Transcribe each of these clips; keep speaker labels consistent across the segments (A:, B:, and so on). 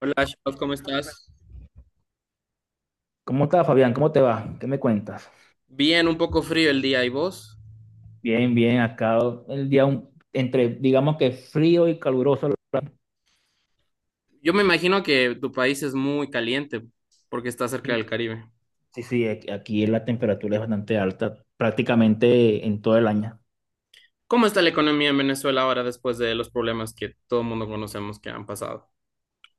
A: Hola, Shaus, ¿cómo estás?
B: ¿Cómo estás, Fabián? ¿Cómo te va? ¿Qué me cuentas?
A: Bien, un poco frío el día, ¿y vos?
B: Bien, bien, acá el día un- entre, digamos que frío y caluroso.
A: Yo me imagino que tu país es muy caliente porque está cerca del
B: Sí,
A: Caribe.
B: sí, sí, aquí la temperatura es bastante alta, prácticamente en todo el año.
A: ¿Cómo está la economía en Venezuela ahora después de los problemas que todo el mundo conocemos que han pasado?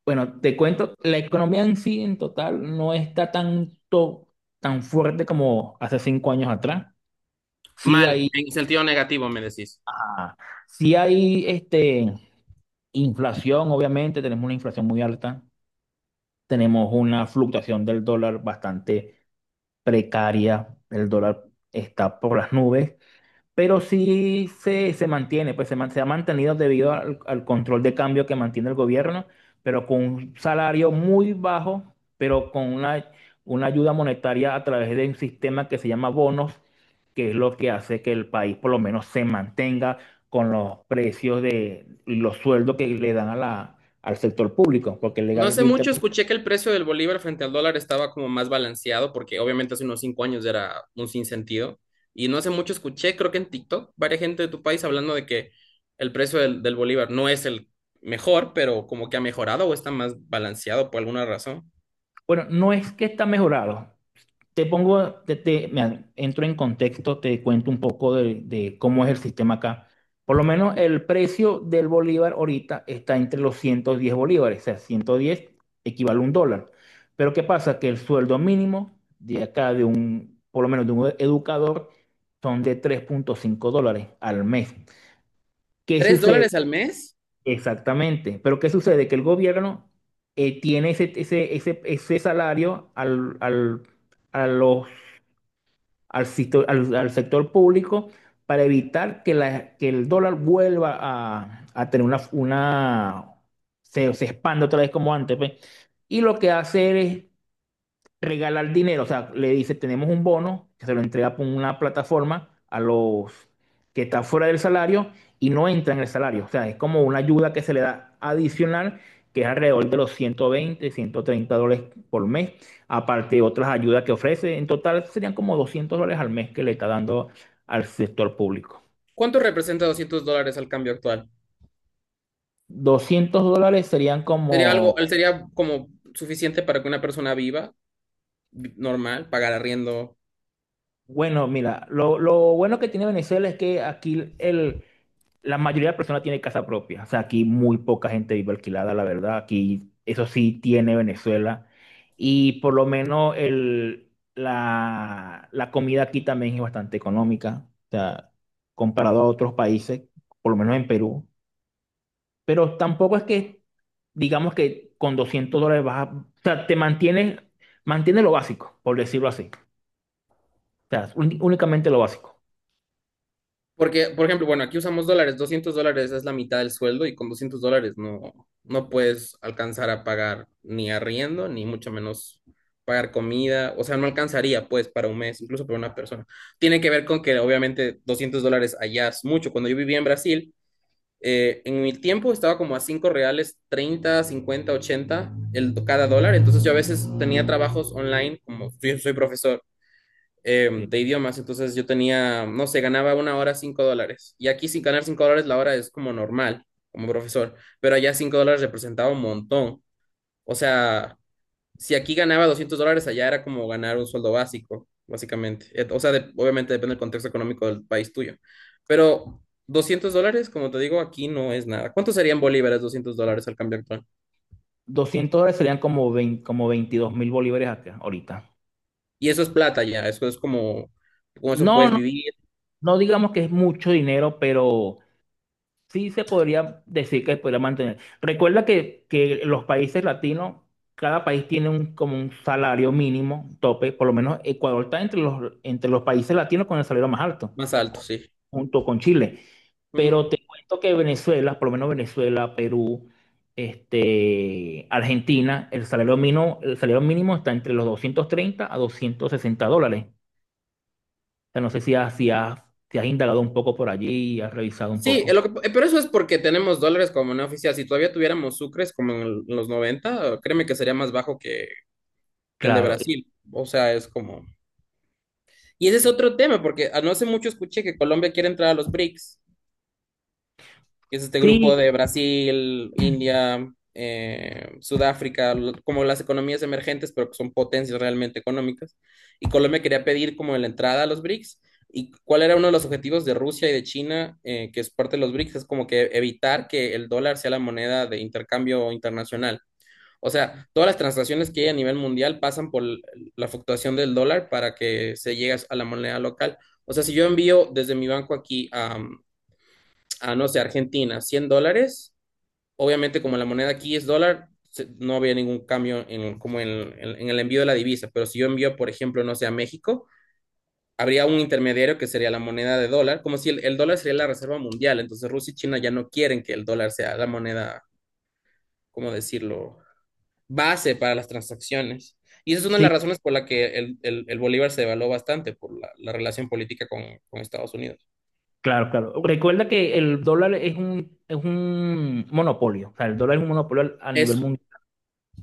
B: Bueno, te cuento, la economía en sí, en total, no está tanto, tan fuerte como hace 5 años atrás. Sí
A: Mal,
B: hay,
A: en sentido negativo, me decís.
B: ajá, sí hay inflación, obviamente, tenemos una inflación muy alta, tenemos una fluctuación del dólar bastante precaria, el dólar está por las nubes, pero se mantiene, se ha mantenido debido al control de cambio que mantiene el gobierno, pero con un salario muy bajo, pero una ayuda monetaria a través de un sistema que se llama bonos, que es lo que hace que el país por lo menos se mantenga con los precios de y los sueldos que le dan a al sector público, porque
A: No
B: legal,
A: hace mucho escuché que el precio del bolívar frente al dólar estaba como más balanceado, porque obviamente hace unos 5 años era un sinsentido. Y no hace mucho escuché, creo que en TikTok, varias gente de tu país hablando de que el precio del bolívar no es el mejor, pero como que ha mejorado o está más balanceado por alguna razón.
B: bueno, no es que está mejorado. Te pongo, te- Mira, entro en contexto, te cuento un poco de cómo es el sistema acá. Por lo menos el precio del bolívar ahorita está entre los 110 bolívares, o sea, 110 equivale a un dólar. Pero ¿qué pasa? Que el sueldo mínimo de acá, por lo menos de un educador, son de 3,5 dólares al mes. ¿Qué
A: ¿Tres
B: sucede?
A: dólares al mes?
B: Exactamente. Pero ¿qué sucede? Que el gobierno tiene ese salario al, al, a los al, sisto- al- al sector público para evitar que el dólar vuelva a tener se expanda otra vez como antes, pues. Y lo que hace es regalar dinero, o sea, le dice, tenemos un bono que se lo entrega por una plataforma a los que están fuera del salario y no entran en el salario. O sea, es como una ayuda que se le da adicional, que es alrededor de los 120, 130 dólares por mes, aparte de otras ayudas que ofrece. En total serían como 200 dólares al mes que le está dando al sector público.
A: ¿Cuánto representa $200 al cambio actual?
B: 200 dólares serían
A: Sería
B: como.
A: algo, sería como suficiente para que una persona viva, normal, pagar arriendo.
B: Bueno, mira, lo bueno que tiene Venezuela es que aquí la mayoría de personas tiene casa propia. O sea, aquí muy poca gente vive alquilada, la verdad. Aquí eso sí tiene Venezuela. Y por lo menos la comida aquí también es bastante económica. O sea, comparado a otros países, por lo menos en Perú. Pero tampoco es que, digamos que con 200 dólares vas a. O sea, te mantienes, mantiene lo básico, por decirlo así. O sea, únicamente lo básico.
A: Porque, por ejemplo, bueno, aquí usamos dólares. $200 es la mitad del sueldo y con $200 no, no puedes alcanzar a pagar ni arriendo, ni mucho menos pagar comida. O sea, no alcanzaría pues para un mes, incluso para una persona. Tiene que ver con que obviamente $200 allá es mucho. Cuando yo vivía en Brasil, en mi tiempo estaba como a 5 reales, 30, 50, 80 cada dólar. Entonces yo a veces tenía trabajos online, como yo soy profesor
B: Sí.
A: de idiomas. Entonces yo tenía, no sé, ganaba una hora $5. Y aquí sin ganar $5 la hora es como normal, como profesor. Pero allá $5 representaba un montón. O sea, si aquí ganaba $200, allá era como ganar un sueldo básico, básicamente. O sea, obviamente depende del contexto económico del país tuyo. Pero $200, como te digo, aquí no es nada. ¿Cuánto serían bolívares $200 al cambio actual?
B: 200 dólares serían como, veinte como 22.000 bolívares acá, ahorita.
A: Y eso es plata ya, eso es como, con eso
B: No,
A: puedes
B: no,
A: vivir
B: no digamos que es mucho dinero, pero sí se podría decir que podría mantener. Recuerda que los países latinos, cada país tiene como un salario mínimo, tope, por lo menos Ecuador está entre los países latinos con el salario más alto,
A: más alto,
B: co-
A: sí.
B: junto con Chile.
A: Ujú.
B: Pero te cuento que Venezuela, por lo menos Venezuela, Perú, Argentina, el salario mínimo está entre los 230 a 260 dólares sea, no sé si has indagado un poco por allí y has revisado un
A: Sí,
B: poco.
A: pero eso es porque tenemos dólares como moneda oficial. Si todavía tuviéramos sucres como en los 90, créeme que sería más bajo que el de
B: Claro,
A: Brasil. O sea, es como. Y ese es otro tema, porque ah, no hace mucho escuché que Colombia quiere entrar a los BRICS. Es este grupo
B: sí,
A: de Brasil, India, Sudáfrica, como las economías emergentes, pero que son potencias realmente económicas. Y Colombia quería pedir como la entrada a los BRICS. ¿Y cuál era uno de los objetivos de Rusia y de China, que es parte de los BRICS? Es como que evitar que el dólar sea la moneda de intercambio internacional. O sea, todas las transacciones que hay a nivel mundial pasan por la fluctuación del dólar para que se llegue a la moneda local. O sea, si yo envío desde mi banco aquí a, no sé, Argentina, $100, obviamente como la moneda aquí es dólar, no había ningún cambio en, como en, en el envío de la divisa. Pero si yo envío, por ejemplo, no sé, a México, habría un intermediario que sería la moneda de dólar, como si el dólar sería la reserva mundial. Entonces Rusia y China ya no quieren que el dólar sea la moneda, ¿cómo decirlo?, base para las transacciones. Y esa es una de las
B: sí,
A: razones por la que el bolívar se devaluó bastante, por la relación política con Estados Unidos.
B: claro, claro. Recuerda que el dólar es un monopolio, o sea, el dólar es un monopolio a nivel
A: Eso,
B: mundial.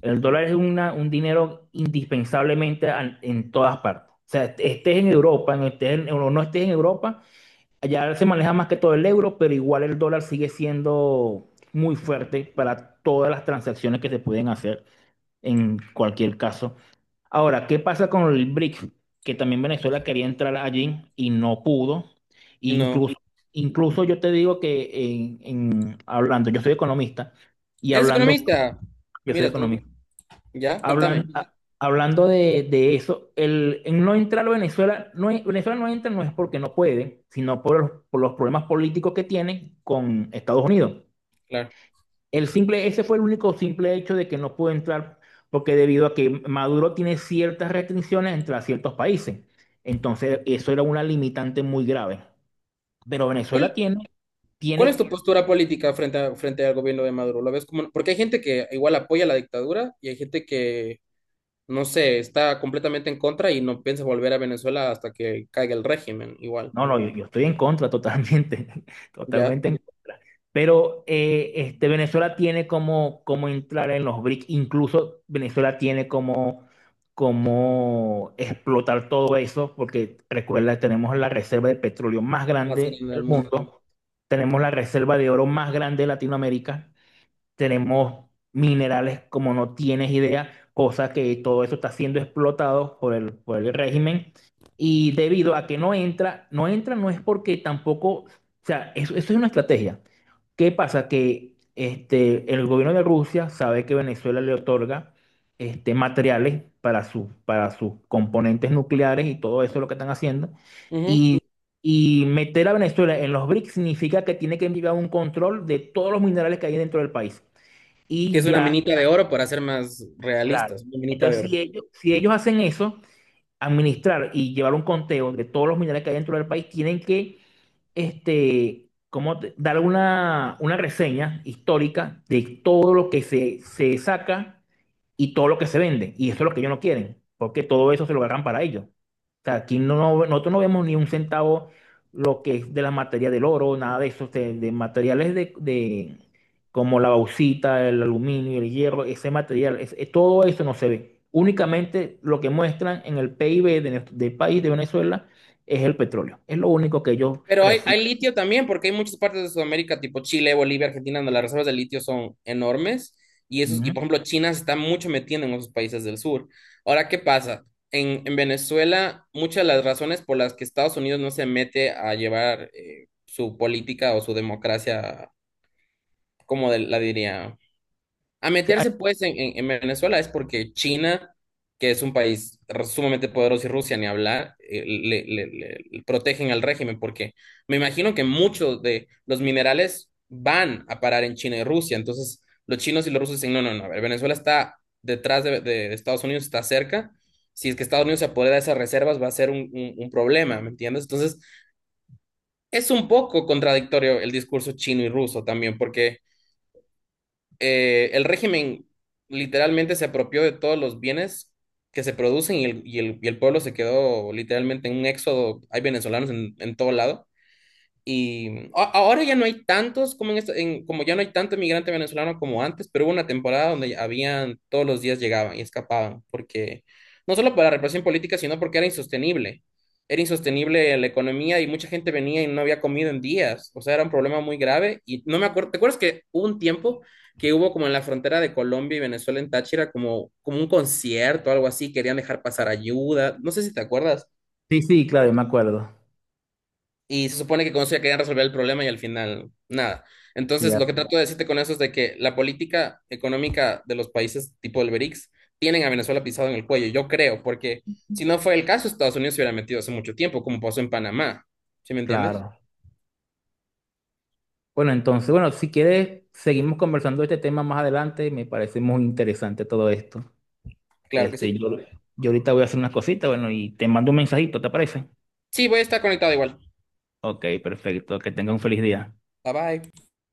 B: El dólar es un dinero en todas partes. O sea, estés en, Europa, no o no estés en Europa, allá se maneja más que todo el euro, pero igual el dólar sigue siendo muy fuerte para todas las transacciones que se pueden hacer en cualquier caso. Ahora, ¿qué pasa con el BRIC? Que también Venezuela quería entrar allí y no pudo. E
A: no.
B: incluso, incluso yo te digo hablando, y
A: ¿Eres
B: hablando,
A: economista?
B: yo soy
A: Mira tú.
B: economista,
A: Ya,
B: hablan,
A: contame.
B: a- hablando de eso, el, en no entrar a Venezuela, no, Venezuela no entra no es porque no puede, sino por los problemas políticos que tiene con Estados Unidos.
A: Claro.
B: El simple, ese fue el único simple hecho de que no pudo entrar, porque debido a que Maduro tiene ciertas restricciones entre a ciertos países. Entonces, eso era una limitante muy grave. Pero
A: ¿Cuál,
B: Venezuela tiene,
A: cuál es tu
B: tiene
A: postura política frente al gobierno de Maduro? ¿Lo ves como, porque hay gente que igual apoya la dictadura y hay gente que, no sé, está completamente en contra y no piensa volver a Venezuela hasta que caiga el régimen, igual,
B: No, no, yo estoy en contra totalmente,
A: ya,
B: totalmente en contra. Pero Venezuela tiene como entrar en los BRICS, incluso Venezuela tiene como explotar todo eso, porque recuerda, tenemos la reserva de petróleo más
A: más
B: grande
A: grande del
B: del
A: mundo.
B: mundo, tenemos la reserva de oro más grande de Latinoamérica, tenemos minerales como no tienes idea, cosa que todo eso está siendo explotado por el régimen y debido a que no entra, no entra no es porque tampoco, o sea, eso es una estrategia. ¿Qué pasa? Que el gobierno de Rusia sabe que Venezuela le otorga materiales para sus componentes nucleares y todo eso es lo que están haciendo.
A: Ujú.
B: Y, y meter a Venezuela en los BRICS significa que tiene que enviar un control de todos los minerales que hay dentro del país.
A: Que
B: Y
A: es una
B: ya,
A: minita de oro para ser más
B: claro.
A: realistas, una minita de
B: Entonces,
A: oro.
B: si ellos hacen eso, administrar y llevar un conteo de todos los minerales que hay dentro del país, tienen que dar una reseña histórica de todo lo que se saca y todo lo que se vende. Y eso es lo que ellos no quieren, porque todo eso se lo agarran para ellos. O sea, aquí nosotros no vemos ni un centavo lo que es de la materia del oro, nada de eso, de materiales de- como la bauxita, el aluminio, el hierro, ese material, todo eso no se ve. Únicamente lo que muestran en el PIB de del país de Venezuela es el petróleo. Es lo único que ellos.
A: Pero hay litio también, porque hay muchas partes de Sudamérica, tipo Chile, Bolivia, Argentina, donde las reservas de litio son enormes. Y, esos, y
B: Ujú.
A: por ejemplo, China se está mucho metiendo en esos países del sur. Ahora, ¿qué pasa? En Venezuela, muchas de las razones por las que Estados Unidos no se mete a llevar su política o su democracia, como la diría, a
B: Sí, ay,
A: meterse pues en Venezuela es porque China, que es un país sumamente poderoso y Rusia, ni hablar, le protegen al régimen, porque me imagino que muchos de los minerales van a parar en China y Rusia. Entonces los chinos y los rusos dicen, no, no, no, a ver, Venezuela está detrás de Estados Unidos, está cerca. Si es que Estados Unidos se apodera de esas reservas va a ser un problema, ¿me entiendes? Entonces es un poco contradictorio el discurso chino y ruso también, porque el régimen literalmente se apropió de todos los bienes que se producen y el pueblo se quedó literalmente en un éxodo. Hay venezolanos en todo lado. Y ahora ya no hay tantos como en esto- en- como ya no hay tanto inmigrante venezolano como antes. Pero hubo una temporada donde habían, todos los días llegaban y escapaban, porque no solo por la represión política, sino porque era insostenible. Era insostenible la economía y mucha gente venía y no había comido en días. O sea, era un problema muy grave. Y no me acuerdo, ¿te acuerdas que hubo un tiempo que hubo como en la frontera de Colombia y Venezuela en Táchira, como un concierto, algo así, querían dejar pasar ayuda? No sé si te acuerdas.
B: sí, sí, claro, me acuerdo.
A: Y se supone que con eso ya querían resolver el problema y al final nada.
B: Sí,
A: Entonces, lo
B: así,
A: que trato de decirte con eso es de que la política económica de los países tipo el BRICS tienen a Venezuela pisado en el cuello, yo creo, porque si no fue el caso, Estados Unidos se hubiera metido hace mucho tiempo, como pasó en Panamá. ¿Sí me entiendes?
B: claro. Bueno, entonces, bueno, si quieres, seguimos conversando de este tema más adelante. Me parece muy interesante todo esto.
A: Claro que sí.
B: Este, yo, yo ahorita voy a hacer unas cositas, bueno, y te mando un mensajito, ¿te parece?
A: Sí, voy a estar conectado igual.
B: Ok, perfecto. Que tenga un feliz día.
A: Bye bye.